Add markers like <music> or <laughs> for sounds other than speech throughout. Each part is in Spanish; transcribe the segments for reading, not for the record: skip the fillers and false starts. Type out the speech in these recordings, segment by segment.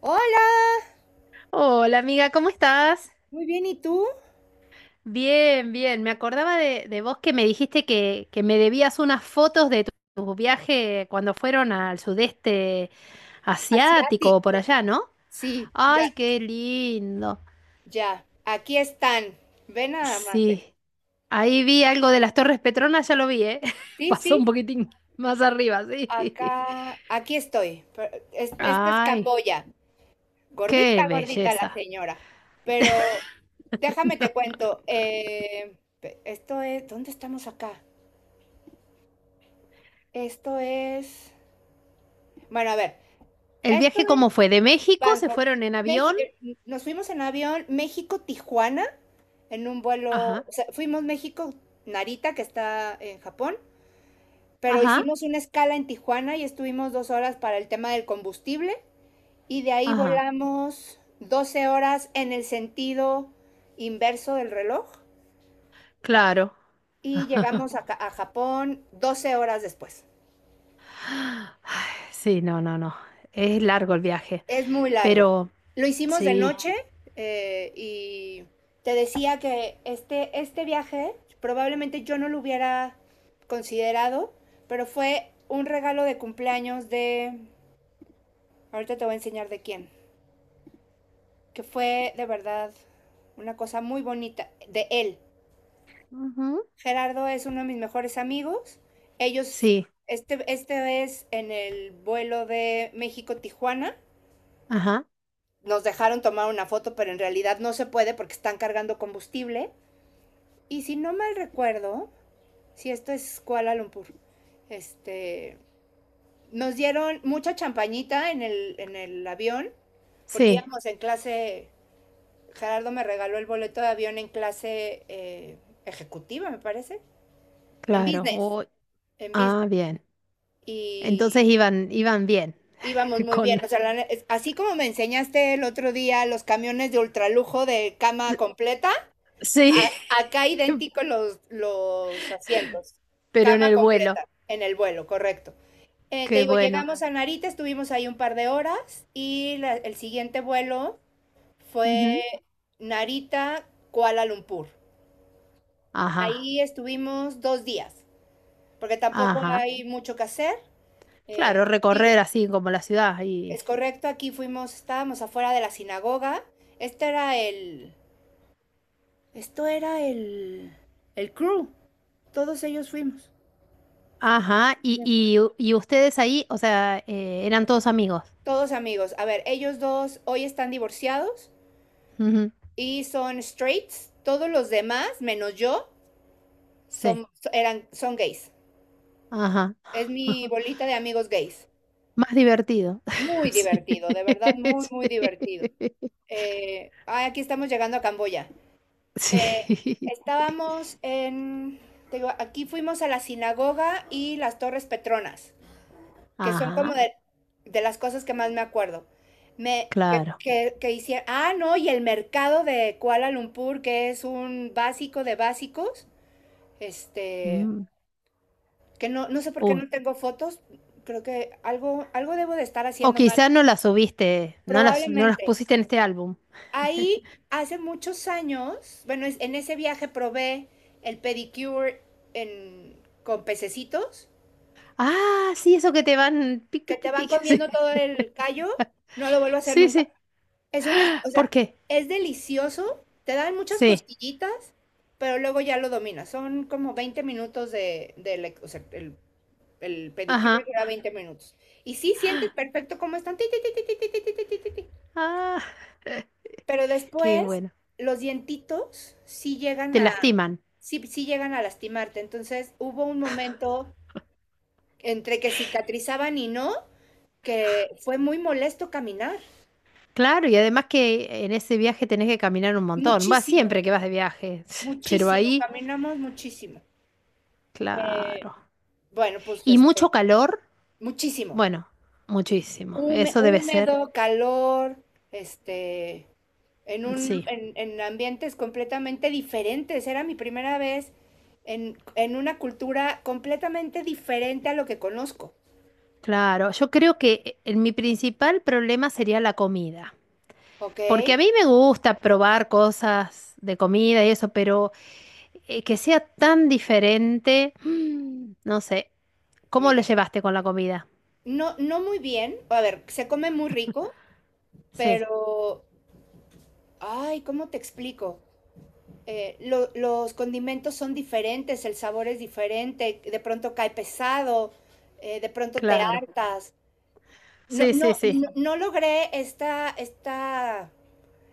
Hola, Hola amiga, ¿cómo estás? muy bien, ¿y tú? Bien, bien. Me acordaba de vos que me dijiste que me debías unas fotos de tu viaje cuando fueron al sudeste asiático o por Asiático. allá, ¿no? Sí, ya, Ay, qué lindo. ya. Aquí están. Ve nada más. Sí, ahí vi algo de las Torres Petronas, ya lo vi, ¿eh? <laughs> Sí, Pasó un sí. poquitín más arriba, Acá, sí. aquí estoy. Pero <laughs> esta es Ay, Camboya. qué Gordita, gordita la belleza. señora. Pero déjame te cuento. Esto es, ¿dónde estamos acá? Esto es, bueno, a ver. ¿El Esto viaje cómo fue? ¿De México se Bangkok. fueron en avión? Nos fuimos en avión México-Tijuana, en un vuelo, Ajá, o sea, fuimos México-Narita, que está en Japón, pero ajá, hicimos una escala en Tijuana y estuvimos 2 horas para el tema del combustible y de ahí ajá. volamos 12 horas en el sentido inverso del reloj Claro. y llegamos a Japón 12 horas después. Sí, no, no, no. Es largo el viaje, Es muy largo. pero Lo hicimos de sí. noche, y te decía que este viaje probablemente yo no lo hubiera considerado, pero fue un regalo de cumpleaños de, ahorita te voy a enseñar de quién, que fue de verdad una cosa muy bonita, de él. Ujú. Gerardo es uno de mis mejores amigos. Ellos, Sí, este es en el vuelo de México-Tijuana, ajá, nos dejaron tomar una foto, pero en realidad no se puede porque están cargando combustible. Y si no mal recuerdo, si esto es Kuala Lumpur, este, nos dieron mucha champañita en el avión, porque sí, íbamos en clase. Gerardo me regaló el boleto de avión en clase, ejecutiva, me parece, en claro. business, O en ah, business. bien. Entonces Y iban, iban bien. íbamos <laughs> muy Con, bien. O sea, así como me enseñaste el otro día los camiones de ultralujo de cama completa, sí. A- acá <laughs> idéntico los asientos, Pero en cama el vuelo. completa en el vuelo, correcto. Te Qué digo, bueno. llegamos a Narita, estuvimos ahí un par de horas y el siguiente vuelo fue Ujú. Narita, Kuala Lumpur. Ajá, Ahí estuvimos 2 días, porque tampoco ajá. hay mucho que hacer. Eh, Claro, Digo, recorrer así como la ciudad y, es correcto, aquí fuimos, estábamos afuera de la sinagoga. Este era el, esto era el crew, todos ellos fuimos. ajá. Y ustedes ahí, o sea, eran todos amigos. Todos amigos. A ver, ellos dos hoy están divorciados Ujú. y son straights. Todos los demás, menos yo, Sí, son, eran, son gays. ajá. Es mi <laughs> bolita de amigos gays. Más divertido. Muy <laughs> Sí. divertido, de verdad, muy, muy divertido. Aquí estamos llegando a Camboya. Sí. Eh, Sí. estábamos en... Te digo, aquí fuimos a la sinagoga y las Torres Petronas, que son como Ajá, de, las cosas que más me acuerdo. Me, que, claro. que, que hicieron, ah, no, y el mercado de Kuala Lumpur, que es un básico de básicos, este, Mm. que no, no sé por qué no Uy. tengo fotos. Creo que algo, algo debo de estar O haciendo mal, quizás no las subiste, no las, no las probablemente. pusiste en este álbum. Ahí, hace muchos años, bueno, en ese viaje probé el pedicure en, con pececitos, Ah, sí, eso que te van pic, que pic, te pic, van pic. <laughs> comiendo Sí, todo el callo. No lo vuelvo a hacer sí, nunca. sí. O ¿Por sea, qué? es delicioso, te dan muchas Sí. costillitas, pero luego ya lo dominas. Son como 20 minutos o sea, el pedicure Ajá. dura 20 minutos. Y sí sientes perfecto cómo están, ti, ti, ti, ti, ti, ti, ti, ti, ti, ti, ti. Ah, Pero qué después bueno. los dientitos sí llegan Te a, lastiman. sí, sí llegan a lastimarte. Entonces hubo un momento entre que cicatrizaban y no, que fue muy molesto caminar. Claro, y además que en ese viaje tenés que caminar un montón. Va Muchísimo, siempre que vas de viaje, <laughs> pero muchísimo, ahí, caminamos muchísimo. Eh, claro. bueno, pues ¿Y mucho calor? muchísimo. Bueno, muchísimo. Eso debe ser, Húmedo, calor, este, en sí, ambientes completamente diferentes. Era mi primera vez en una cultura completamente diferente a lo que conozco. claro. Yo creo que mi principal problema sería la comida, ¿Ok? porque a mí me gusta probar cosas de comida y eso, pero que sea tan diferente, <gasps> mm, no sé. ¿Cómo lo Mira, llevaste con la comida? no, no muy bien. A ver, se come muy rico, Sí, pero, ay, ¿cómo te explico? Los condimentos son diferentes, el sabor es diferente, de pronto cae pesado, de pronto te claro. hartas. No, Sí, no, sí, sí. no, no logré esta, esta,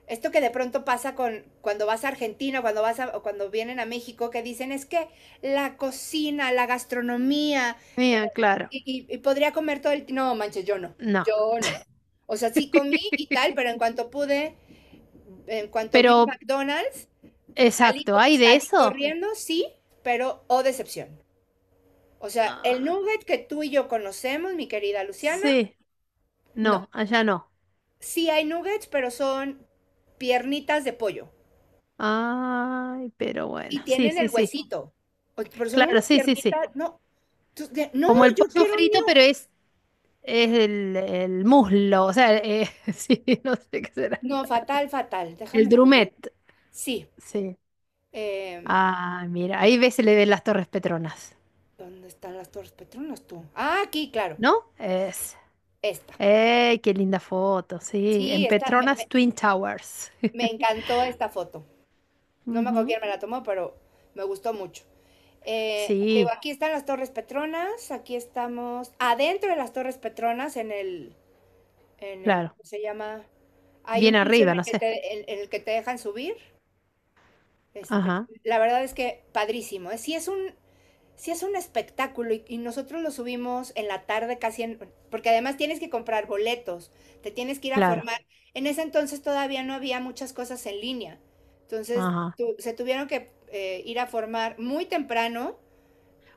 esto que de pronto pasa con cuando vas a Argentina, cuando vas a, o cuando vienen a México, que dicen es que la cocina, la gastronomía, eh, Mía, claro. y podría comer todo el tiempo. No, manches, yo no, No. yo no. O sea, sí comí y tal, pero en cuanto pude, en cuanto vi un Pero, McDonald's, Salí, exacto, ¿hay de salí eso? corriendo, sí, pero o decepción. O sea, Ah, el nugget que tú y yo conocemos, mi querida Luciana, sí, no. no, allá no. Sí hay nuggets, pero son piernitas de pollo Ay, pero bueno, y sí, tienen sí, el sí. huesito. Pero son Claro, unas sí, sí, sí. piernitas, no. No, Como el yo pollo quiero un frito, new. pero es el muslo, o sea, <laughs> sí, no sé qué será. No, fatal, fatal. El Déjame correr. drumet, Sí. sí. em, Ah, mira, ahí ves, se le ven las Torres Petronas, ¿Dónde están las Torres Petronas tú? Ah, aquí, claro. ¿no? Es. Esta. ¡Ey, qué linda foto! Sí, Sí, en esta, me, Petronas me- Twin Towers. me <laughs> encantó esta foto. No me acuerdo Ujú. quién me la tomó, pero me gustó mucho. Digo, Sí, aquí están las Torres Petronas, aquí estamos adentro de las Torres Petronas, en el, claro. ¿cómo se llama? Hay Bien un piso arriba, en el no sé. En el que te dejan subir. Este, Ajá, la verdad es que padrísimo. ¿Eh? Sí es un espectáculo y nosotros lo subimos en la tarde casi, porque además tienes que comprar boletos, te tienes que ir a claro. formar. En ese entonces todavía no había muchas cosas en línea. Entonces Ajá. se tuvieron que ir a formar muy temprano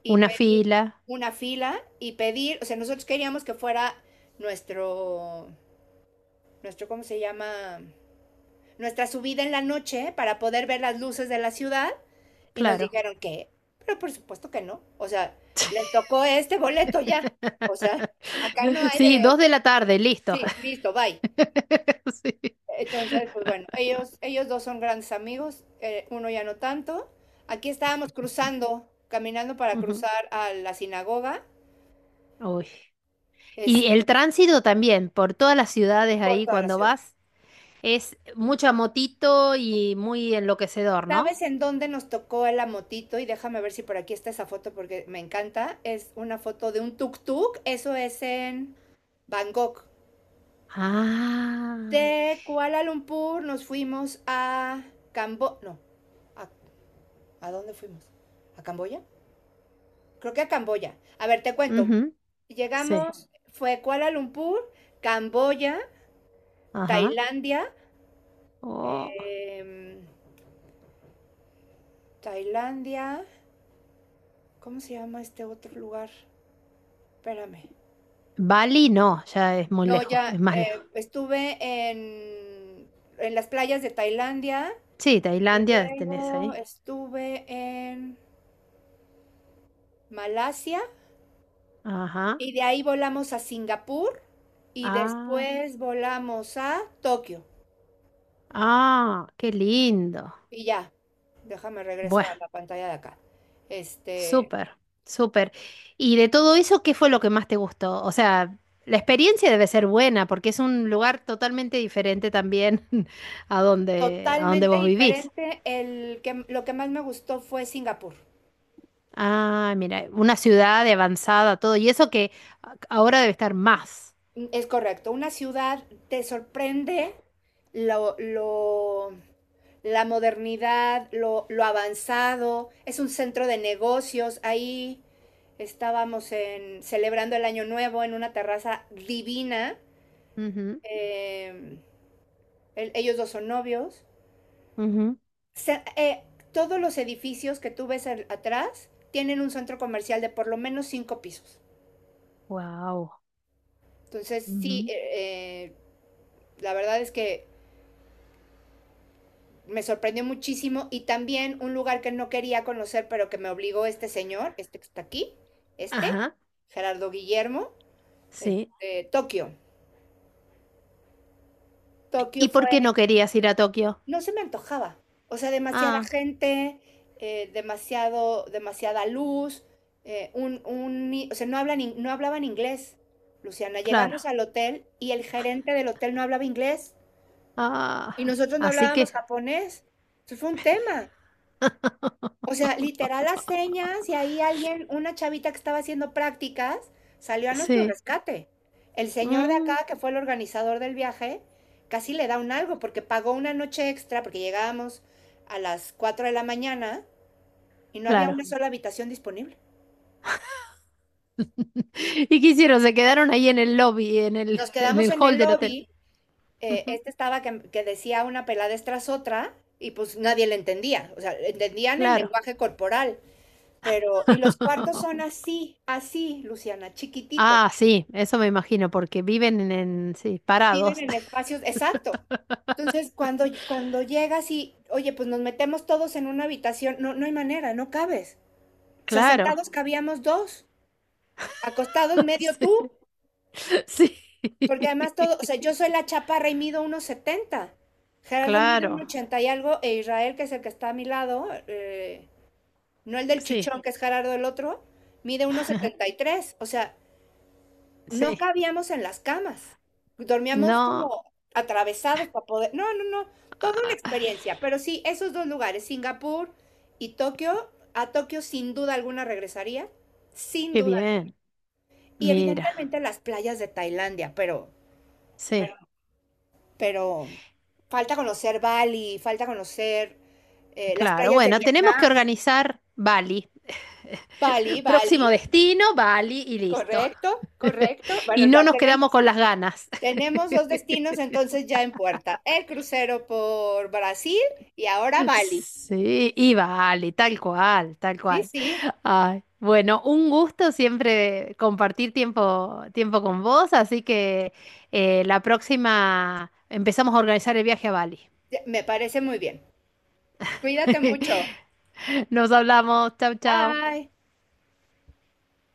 y Una pedir fila, una fila y pedir, o sea, nosotros queríamos que fuera nuestro, nuestro, ¿cómo se llama? Nuestra subida en la noche para poder ver las luces de la ciudad, y nos claro. dijeron que, pero por supuesto que no, o sea, le <laughs> tocó este boleto ya, o sea, <laughs> acá no hay Sí, de, dos de la tarde, listo. sí, listo, bye. <laughs> Sí. Entonces, pues bueno, ellos dos son grandes amigos, uno ya no tanto. Aquí estábamos cruzando, caminando para Ujú. cruzar a la sinagoga, Uy. Y el este, tránsito también, por todas las ciudades por ahí toda la cuando ciudad. vas, es mucha motito y muy enloquecedor, ¿no? ¿Sabes en dónde nos tocó la motito? Y déjame ver si por aquí está esa foto porque me encanta. Es una foto de un tuk-tuk. Eso es en Bangkok. Ah, De Kuala Lumpur nos fuimos a No, ¿a, a dónde fuimos? ¿A Camboya? Creo que a Camboya. A ver, te cuento. ujú. Sí, Llegamos, fue Kuala Lumpur, Camboya, ajá. Tailandia, Oh. em, Tailandia, ¿cómo se llama este otro lugar? Espérame. Bali no, ya es muy No, lejos, ya es más lejos. Estuve en las playas de Tailandia Sí, y Tailandia tenés luego ahí. estuve en Malasia Ajá. y de ahí volamos a Singapur y Ah, después volamos a Tokio ah, qué lindo. y ya. Déjame regreso Bueno. a la pantalla de acá. Este, Súper, súper. ¿Y de todo eso, qué fue lo que más te gustó? O sea, la experiencia debe ser buena porque es un lugar totalmente diferente también <laughs> a donde Totalmente vos vivís. diferente. Lo que más me gustó fue Singapur. Ah, mira, una ciudad de avanzada, todo. Y eso que ahora debe estar más. Es correcto, una ciudad te sorprende lo, la modernidad, lo avanzado, es un centro de negocios. Ahí estábamos celebrando el Año Nuevo en una terraza divina. Eh, Ellos dos son novios. Se, eh, Todos los edificios que tú ves atrás tienen un centro comercial de por lo menos cinco pisos. Wow. Entonces, sí, la verdad es que me sorprendió muchísimo, y también un lugar que no quería conocer, pero que me obligó este señor, este que está aquí, este, Ajá, Gerardo Guillermo, sí. Tokio. Tokio ¿Y por qué fue, no querías ir a Tokio? no se me antojaba, o sea, demasiada Ah, gente, demasiado, demasiada luz, o sea, no, no hablaban inglés. Luciana, claro. llegamos al hotel y el gerente del hotel no hablaba inglés Ah, y nosotros no así hablábamos que, japonés. Eso fue un tema. O sea, literal las señas, y ahí alguien, una chavita que estaba haciendo prácticas, salió a nuestro sí. rescate. El señor de Mm, acá, que fue el organizador del viaje, casi le da un algo porque pagó una noche extra porque llegábamos a las 4 de la mañana y no había una claro. sola habitación disponible. <laughs> ¿Y qué hicieron? Se quedaron ahí en el lobby, Nos en quedamos el en hall el del hotel. lobby, Ujú. este estaba que decía una peladez tras otra, y pues nadie le entendía, o sea, entendían el Claro. lenguaje corporal, pero y los cuartos son <laughs> así, así, Luciana, chiquititos. Ah, sí, eso me imagino, porque viven en- sí, Viven parados. en espacios, <laughs> exacto. Entonces, cuando llegas y, oye, pues nos metemos todos en una habitación, no, no hay manera, no cabes. O sea, Claro. sentados cabíamos dos, acostados <laughs> medio tú, Sí. Sí. porque además todo, o sea, <laughs> yo soy la chaparra y mido unos 70. Gerardo mide un Claro. 80 y algo, e Israel, que es el que está a mi lado, no el del Sí, chichón, que es Gerardo el otro, mide unos 73. O sea, no sí. cabíamos en las camas. Dormíamos No. como atravesados para poder. No, no, no. Toda una Ah, experiencia. Pero sí, esos dos lugares, Singapur y Tokio. A Tokio sin duda alguna regresaría. Sin qué duda alguna. bien. Y Mira, evidentemente las playas de Tailandia, pero, pero, sí. pero falta conocer Bali, falta conocer las Claro, playas de bueno, tenemos que Vietnam. organizar Bali. Bali, <laughs> Próximo Bali. destino, Bali y listo. <laughs> Correcto, correcto. Bueno, Y no nos quedamos con las ganas. tenemos dos <laughs> destinos entonces ya en puerta, el crucero por Brasil y ahora Bali. Sí, y Bali, tal cual, tal Sí, cual. sí, Ay, bueno, un gusto siempre compartir tiempo, tiempo con vos, así que la próxima empezamos a organizar el viaje a Bali. me parece muy bien. Cuídate mucho. <laughs> Nos hablamos, chau, chau. Bye.